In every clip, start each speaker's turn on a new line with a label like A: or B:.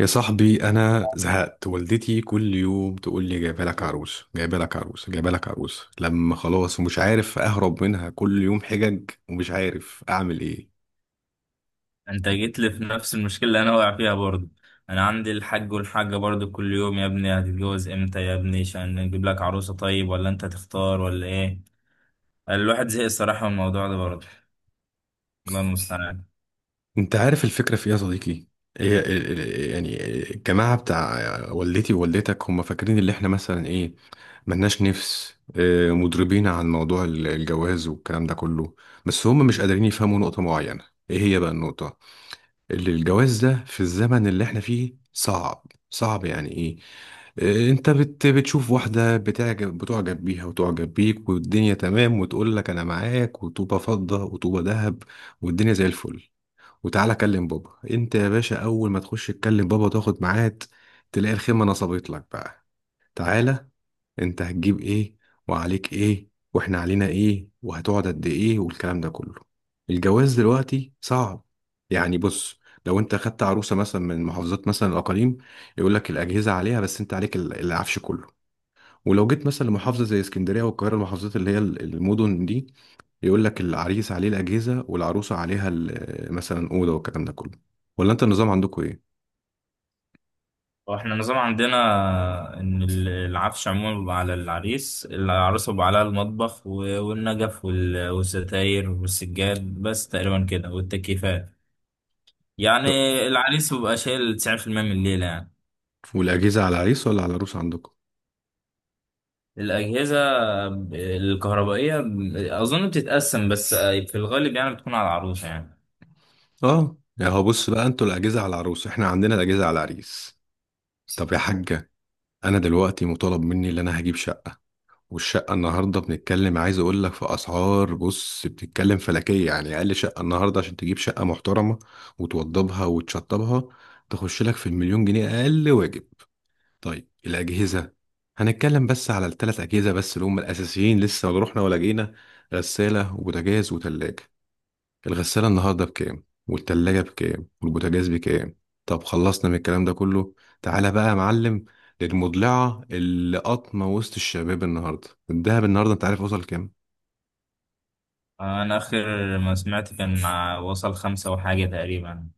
A: يا صاحبي انا زهقت. والدتي كل يوم تقول لي جايبه لك عروس، جايبه لك عروس، جايبه لك عروس. لما خلاص ومش عارف اهرب منها، كل يوم حجج ومش عارف اعمل ايه.
B: انت جيت لي في نفس المشكله اللي انا واقع فيها برضه. انا عندي الحاج والحاجه برضه كل يوم، يا ابني هتتجوز امتى، يا ابني عشان نجيب لك عروسه، طيب ولا انت تختار ولا ايه؟ الواحد زهق الصراحه من الموضوع ده برضه. الله المستعان.
A: انت عارف الفكره في ايه يا صديقي؟ هي الجماعه بتاع والدتي ووالدتك هم فاكرين اللي احنا مثلا ايه؟ ملناش نفس مضربين عن موضوع الجواز والكلام ده كله. بس هم مش قادرين يفهموا نقطه معينه. ايه هي بقى النقطه؟ اللي الجواز ده في الزمن اللي احنا فيه صعب. صعب يعني ايه؟ اه، انت بتشوف واحدة بتعجب بيها وتعجب بيك والدنيا تمام وتقول لك انا معاك وطوبة فضة وطوبة ذهب. والدنيا زي الفل. وتعالى كلم بابا، انت يا باشا اول ما تخش تكلم بابا وتاخد ميعاد، تلاقي الخيمة نصبت لك بقى. تعالى، انت هتجيب ايه، وعليك ايه، واحنا علينا ايه، وهتقعد قد ايه، والكلام ده كله. الجواز دلوقتي صعب. يعني بص، لو انت خدت عروسة مثلا من محافظات مثلا الأقاليم، يقول لك الأجهزة عليها بس انت عليك العفش كله. ولو جيت مثلا لمحافظة زي اسكندرية والقاهرة، المحافظات اللي هي المدن دي، يقول لك العريس عليه الأجهزة والعروسة عليها مثلا أوضة والكلام ده كله. ولا انت النظام عندكم ايه؟
B: واحنا النظام عندنا ان العفش عموما بيبقى على العريس، العروسه بيبقى عليها المطبخ والنجف والستاير والسجاد بس تقريبا كده والتكييفات يعني. العريس بيبقى شايل 90% من الليله يعني.
A: والأجهزة على العريس ولا على العروسة عندكم؟
B: الأجهزة الكهربائية أظن بتتقسم بس في الغالب يعني بتكون على العروسة يعني.
A: اه يا هو بص بقى، انتوا الاجهزه على العروس، احنا عندنا الاجهزه على العريس. طب يا حاجه، انا دلوقتي مطالب مني ان انا هجيب شقه. والشقه النهارده بنتكلم، عايز اقول لك في اسعار بص بتتكلم فلكيه. يعني اقل شقه النهارده عشان تجيب شقه محترمه وتوضبها وتشطبها، تخش لك في المليون جنيه اقل واجب. طيب الاجهزه، هنتكلم بس على الثلاث اجهزه بس اللي هم الاساسيين، لسه ما رحنا ولا جينا: غساله وبوتاجاز وتلاجه. الغسالة النهاردة بكام، والتلاجة بكام، والبوتاجاز بكام؟ طب خلصنا من الكلام ده كله. تعالى بقى يا معلم، للمضلعة اللي قطمة وسط الشباب النهاردة، الدهب النهاردة انت عارف وصل كام؟
B: أنا آخر ما سمعت كان مع وصل خمسة وحاجة تقريبا،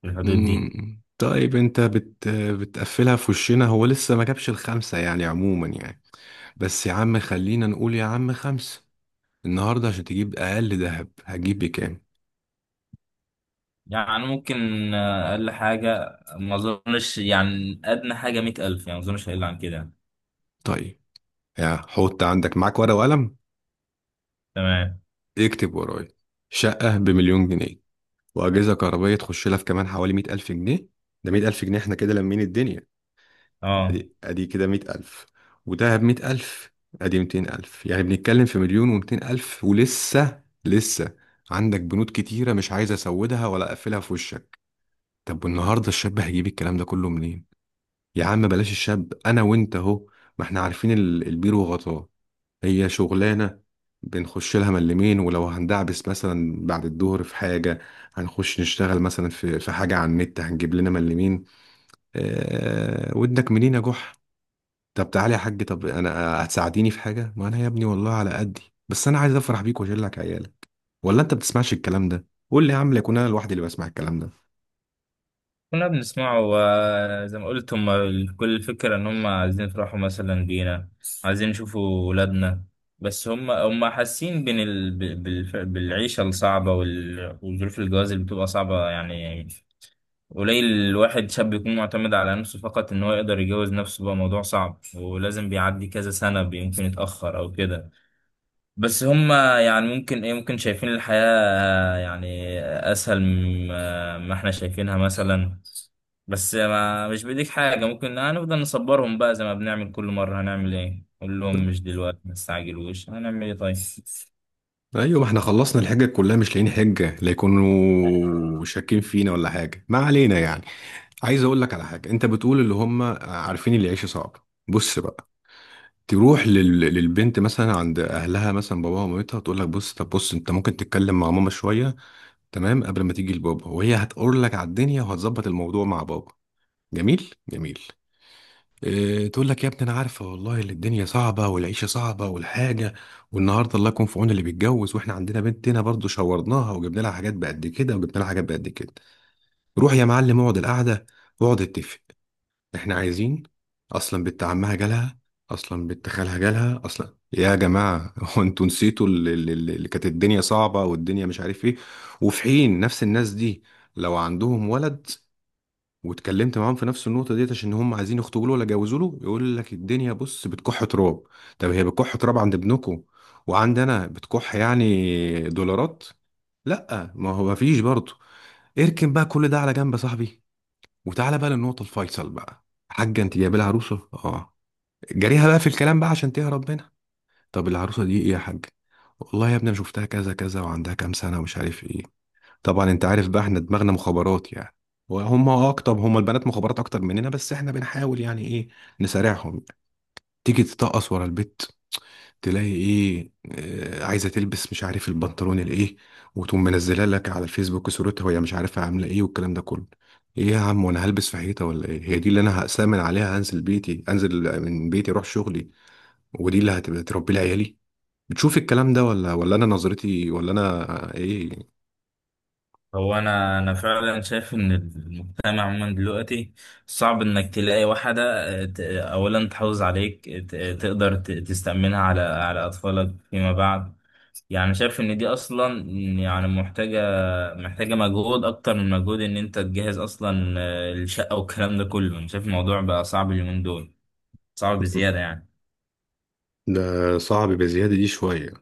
B: في الحدود دي.
A: مم. طيب بتقفلها في وشنا، هو لسه ما جابش الخمسة يعني عموما يعني. بس يا عم خلينا نقول يا عم خمسة. النهاردة عشان تجيب أقل دهب هتجيب بكام؟
B: يعني ممكن أقل حاجة، ما أظنش يعني أدنى حاجة مية ألف، يعني ما أظنش هيقل عن كده.
A: طيب، يا حط عندك معاك ورقة وقلم.
B: تمام.
A: اكتب ورايا: شقة بمليون جنيه، واجهزه كهربائيه تخش لها في كمان حوالي 100,000 جنيه. ده 100,000 جنيه، احنا كده لمين الدنيا.
B: أه.
A: ادي ادي كده 100,000، وده ب 100,000، ادي 200,000. يعني بنتكلم في مليون و200 الف، ولسه لسه عندك بنود كتيره مش عايز اسودها ولا اقفلها في وشك. طب والنهارده الشاب هيجيب الكلام ده كله منين؟ يا عم بلاش الشاب، انا وانت اهو، ما احنا عارفين البير وغطاه. هي شغلانة بنخش لها من اليمين، ولو هندعبس مثلا بعد الظهر في حاجة، هنخش نشتغل مثلا في حاجة على النت، هنجيب لنا من اليمين. آه ودك منين يا جح. طب تعالى يا حاج، طب انا هتساعديني في حاجة، ما انا يا ابني والله على قدي، بس انا عايز افرح بيك واشيل لك عيالك. ولا انت بتسمعش الكلام ده؟ قول لي يا عم، لا يكون انا لوحدي اللي بسمع الكلام ده.
B: كنا بنسمعه وزي ما قلت هم كل الفكرة إن هم عايزين يفرحوا مثلا بينا، عايزين يشوفوا ولادنا. بس هم حاسين بين ال... ب- بالف- بالعيشة الصعبة وظروف الجواز اللي بتبقى صعبة يعني. قليل الواحد شاب يكون معتمد على نفسه فقط، إن هو يقدر يجوز نفسه بقى موضوع صعب، ولازم بيعدي كذا سنة، يمكن يتأخر أو كده. بس هم يعني ممكن ايه ممكن شايفين الحياة يعني اسهل مما ما احنا شايفينها مثلا. بس ما مش بايديك حاجة، ممكن هنفضل نصبرهم بقى زي ما بنعمل كل مرة. هنعمل ايه، قول لهم مش دلوقتي ما تستعجلوش، هنعمل ايه طيب.
A: ايوه، ما احنا خلصنا الحجة كلها، مش لاقيين حجة، لا يكونوا شاكين فينا ولا حاجة ما علينا يعني. عايز اقول لك على حاجه، انت بتقول اللي هم عارفين اللي يعيش صعب، بص بقى. تروح لل... للبنت مثلا عند اهلها مثلا باباها ومامتها، تقول لك بص، طب بص، انت ممكن تتكلم مع ماما شويه تمام قبل ما تيجي لبابا، وهي هتقول لك على الدنيا وهتظبط الموضوع مع بابا. جميل جميل. إيه تقول لك؟ يا ابني انا عارفه والله اللي الدنيا صعبه والعيشه صعبه والحاجه، والنهارده الله يكون في عون اللي بيتجوز، واحنا عندنا بنت هنا برضه شورناها وجبنا لها حاجات بقد كده وجبنا لها حاجات بقد كده. روح يا معلم اقعد القعده، واقعد اتفق، احنا عايزين. اصلا بنت عمها جالها، اصلا بنت خالها جالها، اصلا يا جماعه هو انتوا نسيتوا اللي كانت الدنيا صعبه والدنيا مش عارف ايه؟ وفي حين نفس الناس دي، لو عندهم ولد واتكلمت معاهم في نفس النقطه ديت عشان هم عايزين يخطبوا له ولا يجوزوا له، يقول لك الدنيا بص بتكح تراب. طب هي بتكح تراب عند ابنكم، وعند انا بتكح يعني دولارات؟ لا، ما هو مفيش برضه. اركن بقى كل ده على جنب يا صاحبي، وتعالى بقى للنقطة الفيصل بقى. حاجة انت جايبة لها عروسة، اه، جريها بقى في الكلام بقى عشان تهرب منها. طب العروسة دي ايه يا حاج؟ والله يا ابني انا شفتها كذا كذا وعندها كام سنة ومش عارف ايه. طبعا انت عارف بقى احنا دماغنا مخابرات يعني، وهم اكتر، هم البنات مخابرات اكتر مننا، بس احنا بنحاول يعني ايه نسارعهم. تيجي تطقص ورا البيت، تلاقي ايه؟ عايزه تلبس مش عارف البنطلون الايه، وتقوم منزلها لك على الفيسبوك صورتها وهي مش عارفه عامله ايه والكلام ده كله. ايه يا عم، وانا هلبس في حيطه ولا ايه؟ هي دي اللي انا هأسامن عليها، هنزل بيتي، انزل من بيتي اروح شغلي، ودي اللي هتبقى تربي لي عيالي؟ بتشوف الكلام ده ولا انا نظرتي، ولا انا آه، ايه
B: هو انا فعلا شايف ان المجتمع عموما دلوقتي صعب انك تلاقي واحدة، اولا تحافظ عليك، تقدر تستأمنها على اطفالك فيما بعد. يعني شايف ان دي اصلا يعني محتاجة، مجهود أكتر من مجهود إن أنت تجهز أصلا الشقة والكلام ده كله. أنا شايف الموضوع بقى صعب اليومين دول، صعب بزيادة يعني.
A: ده صعب بزياده دي شويه.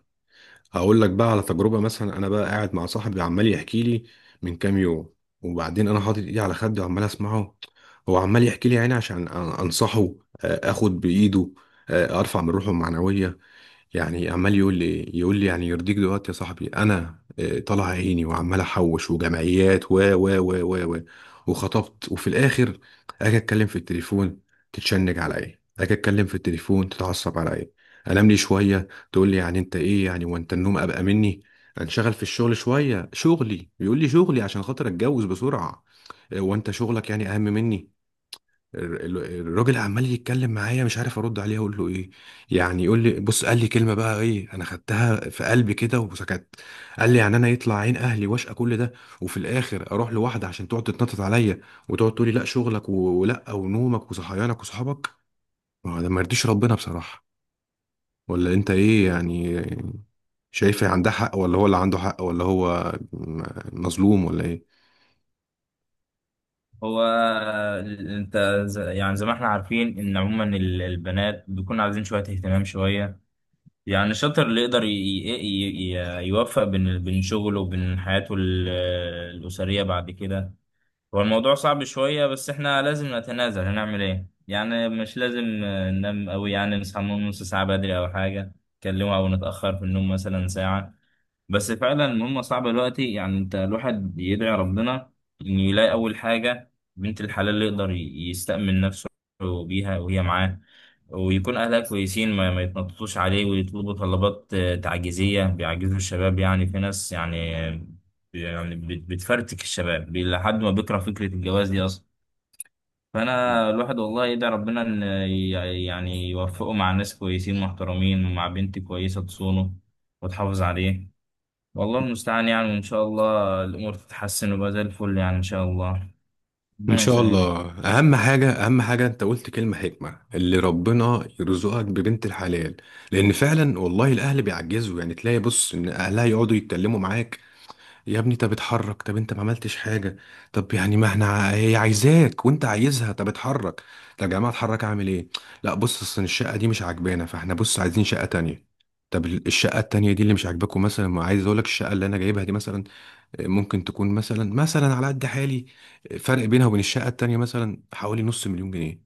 A: هقول لك بقى على تجربة، مثلا أنا بقى قاعد مع صاحبي عمال يحكي لي من كام يوم، وبعدين أنا حاطط إيدي على خدي وعمال أسمعه، هو عمال يحكي لي يعني عشان أنصحه، آخد بإيده، أرفع من روحه المعنوية. يعني عمال يقول لي يعني يرضيك دلوقتي يا صاحبي انا طالع عيني وعمال احوش وجمعيات و وخطبت وفي الاخر اجي اتكلم في التليفون تتشنج على ايه، اجي اتكلم في التليفون تتعصب على ايه، انام لي شويه تقول لي يعني انت ايه يعني وانت النوم ابقى مني، انشغل في الشغل شويه شغلي بيقول لي شغلي عشان خاطر اتجوز بسرعه، وانت شغلك يعني اهم مني. الراجل عمال يتكلم معايا مش عارف ارد عليه اقول له ايه. يعني يقول لي بص، قال لي كلمه بقى ايه انا خدتها في قلبي كده وسكت. قال لي يعني انا يطلع عين اهلي واشقى كل ده، وفي الاخر اروح لواحده عشان تقعد تتنطط عليا، وتقعد تقول لي لا شغلك ولا ونومك وصحيانك وصحابك. ما هو ده ما يرضيش ربنا بصراحه. ولا انت ايه يعني؟ شايف إيه، عندها حق ولا هو اللي عنده حق، ولا هو مظلوم ولا ايه؟
B: هو أنت يعني زي ما إحنا عارفين إن عموما البنات بيكون عايزين شوية اهتمام شوية. يعني الشاطر اللي يقدر يوفق بين شغله وبين حياته الأسرية بعد كده. هو الموضوع صعب شوية، بس احنا لازم نتنازل، هنعمل ايه يعني. مش لازم ننام قوي يعني، نصحى من نص ساعة بدري او حاجة نكلمه، او نتأخر في النوم مثلا ساعة. بس فعلا المهمة صعبة دلوقتي يعني، انت الواحد بيدعي ربنا انه يلاقي اول حاجة بنت الحلال اللي يقدر يستأمن نفسه بيها وهي معاه، ويكون اهلها كويسين ما يتنططوش عليه ويطلبوا طلبات تعجيزية بيعجزوا الشباب. يعني في ناس يعني يعني بتفرتك الشباب لحد ما بيكره فكرة الجواز دي اصلا. فانا الواحد والله يدعي ربنا ان يوفقه مع ناس كويسين محترمين، ومع بنت كويسة تصونه وتحافظ عليه. والله المستعان يعني، وإن شاء الله الأمور تتحسن ويبقى زي الفل يعني، إن شاء الله
A: ان
B: ربنا
A: شاء
B: يسهل يعني.
A: الله. اهم حاجه اهم حاجه انت قلت كلمه حكمه، اللي ربنا يرزقك ببنت الحلال. لان فعلا والله الاهل بيعجزوا يعني، تلاقي بص ان اهلها يقعدوا يتكلموا معاك يا ابني، طب اتحرك، طب انت ما عملتش حاجه. طب يعني ما احنا هي عايزاك وانت عايزها، طب اتحرك. طب يا جماعه اتحرك اعمل ايه؟ لا بص، اصل الشقه دي مش عاجبانا، فاحنا بص عايزين شقه تانية. طب الشقه التانية دي اللي مش عاجباكم مثلا، ما عايز اقول لك الشقه اللي انا جايبها دي مثلا ممكن تكون مثلا على قد حالي. فرق بينها وبين الشقة التانية مثلا حوالي نص مليون جنيه.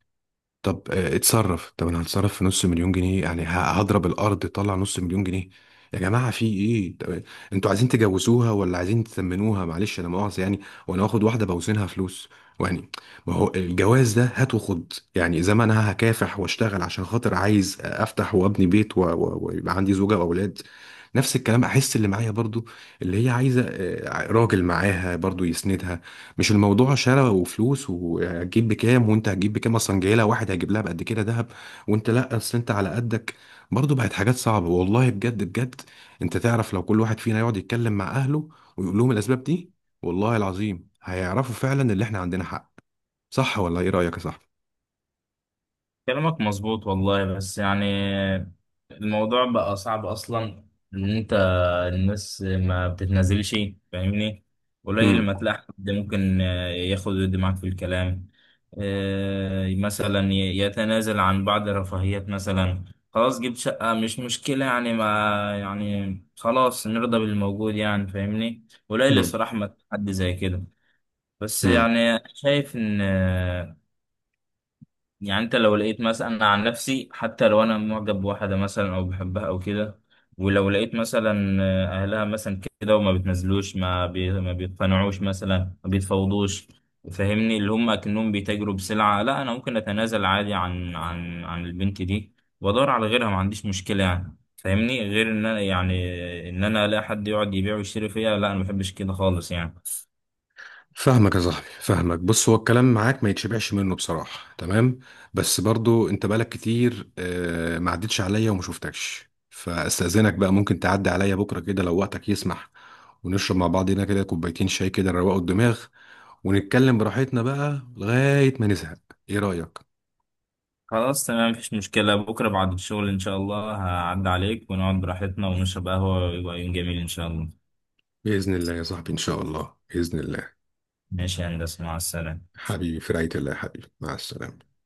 A: طب اتصرف، طب انا هتصرف في نص مليون جنيه يعني، هضرب الارض طلع نص مليون جنيه؟ يا جماعه في ايه؟ طب انتوا عايزين تجوزوها ولا عايزين تسمنوها؟ معلش انا مؤاخذه يعني، وانا واخد واحده بوزنها فلوس يعني؟ ما هو الجواز ده هات وخد يعني، زي ما انا هكافح واشتغل عشان خاطر عايز افتح وابني بيت ويبقى عندي زوجه واولاد، نفس الكلام احس اللي معايا برضو، اللي هي عايزه راجل معاها برضو يسندها. مش الموضوع شراء وفلوس وهتجيب بكام وانت هتجيب بكام، اصلا جاي لها واحد هيجيب لها بقد كده ذهب وانت لا اصل انت على قدك. برضه بقت حاجات صعبه والله، بجد بجد. انت تعرف لو كل واحد فينا يقعد يتكلم مع اهله ويقول لهم الاسباب دي، والله العظيم هيعرفوا فعلا ان احنا عندنا حق. صح ولا ايه رايك يا صاحبي؟
B: كلامك مظبوط والله، بس يعني الموضوع بقى صعب أصلا، إن أنت الناس ما بتتنازلش. فاهمني؟ قليل لما تلاقي حد ممكن ياخد ويدي معاك في الكلام، مثلا يتنازل عن بعض الرفاهيات مثلا. خلاص جبت شقة مش مشكلة يعني، ما يعني خلاص نرضى بالموجود يعني. فاهمني؟ قليل
A: امم.
B: الصراحة ما تلاقي حد زي كده. بس يعني شايف ان يعني انت لو لقيت مثلا، انا عن نفسي حتى لو انا معجب بواحده مثلا او بحبها او كده، ولو لقيت مثلا اهلها مثلا كده وما بتنزلوش، ما بيقتنعوش مثلا، ما بيتفاوضوش، فاهمني؟ اللي هم اكنهم بيتاجروا بسلعه، لا انا ممكن اتنازل عادي عن البنت دي وادور على غيرها، ما عنديش مشكله يعني. فاهمني؟ غير ان انا يعني ان انا الاقي حد يقعد يبيع ويشتري فيها، لا انا ما بحبش كده خالص يعني.
A: فاهمك يا صاحبي فاهمك. بص هو الكلام معاك ما يتشبعش منه بصراحة، تمام. بس برضو انت بقالك كتير ما عدتش عليا وما شفتكش، فاستأذنك بقى ممكن تعدي عليا بكرة كده لو وقتك يسمح، ونشرب مع بعضنا كده كوبايتين شاي كده نروقوا الدماغ ونتكلم براحتنا بقى لغاية ما نزهق. ايه رأيك؟
B: خلاص تمام مفيش مشكلة، بكرة بعد الشغل إن شاء الله هعدي عليك ونقعد براحتنا ونشرب قهوة ويبقى يوم جميل إن شاء الله.
A: بإذن الله يا صاحبي، ان شاء الله، بإذن الله.
B: ماشي يا هندسة، مع السلامة.
A: حبيبي في رعاية الله يا حبيبي، مع السلامة.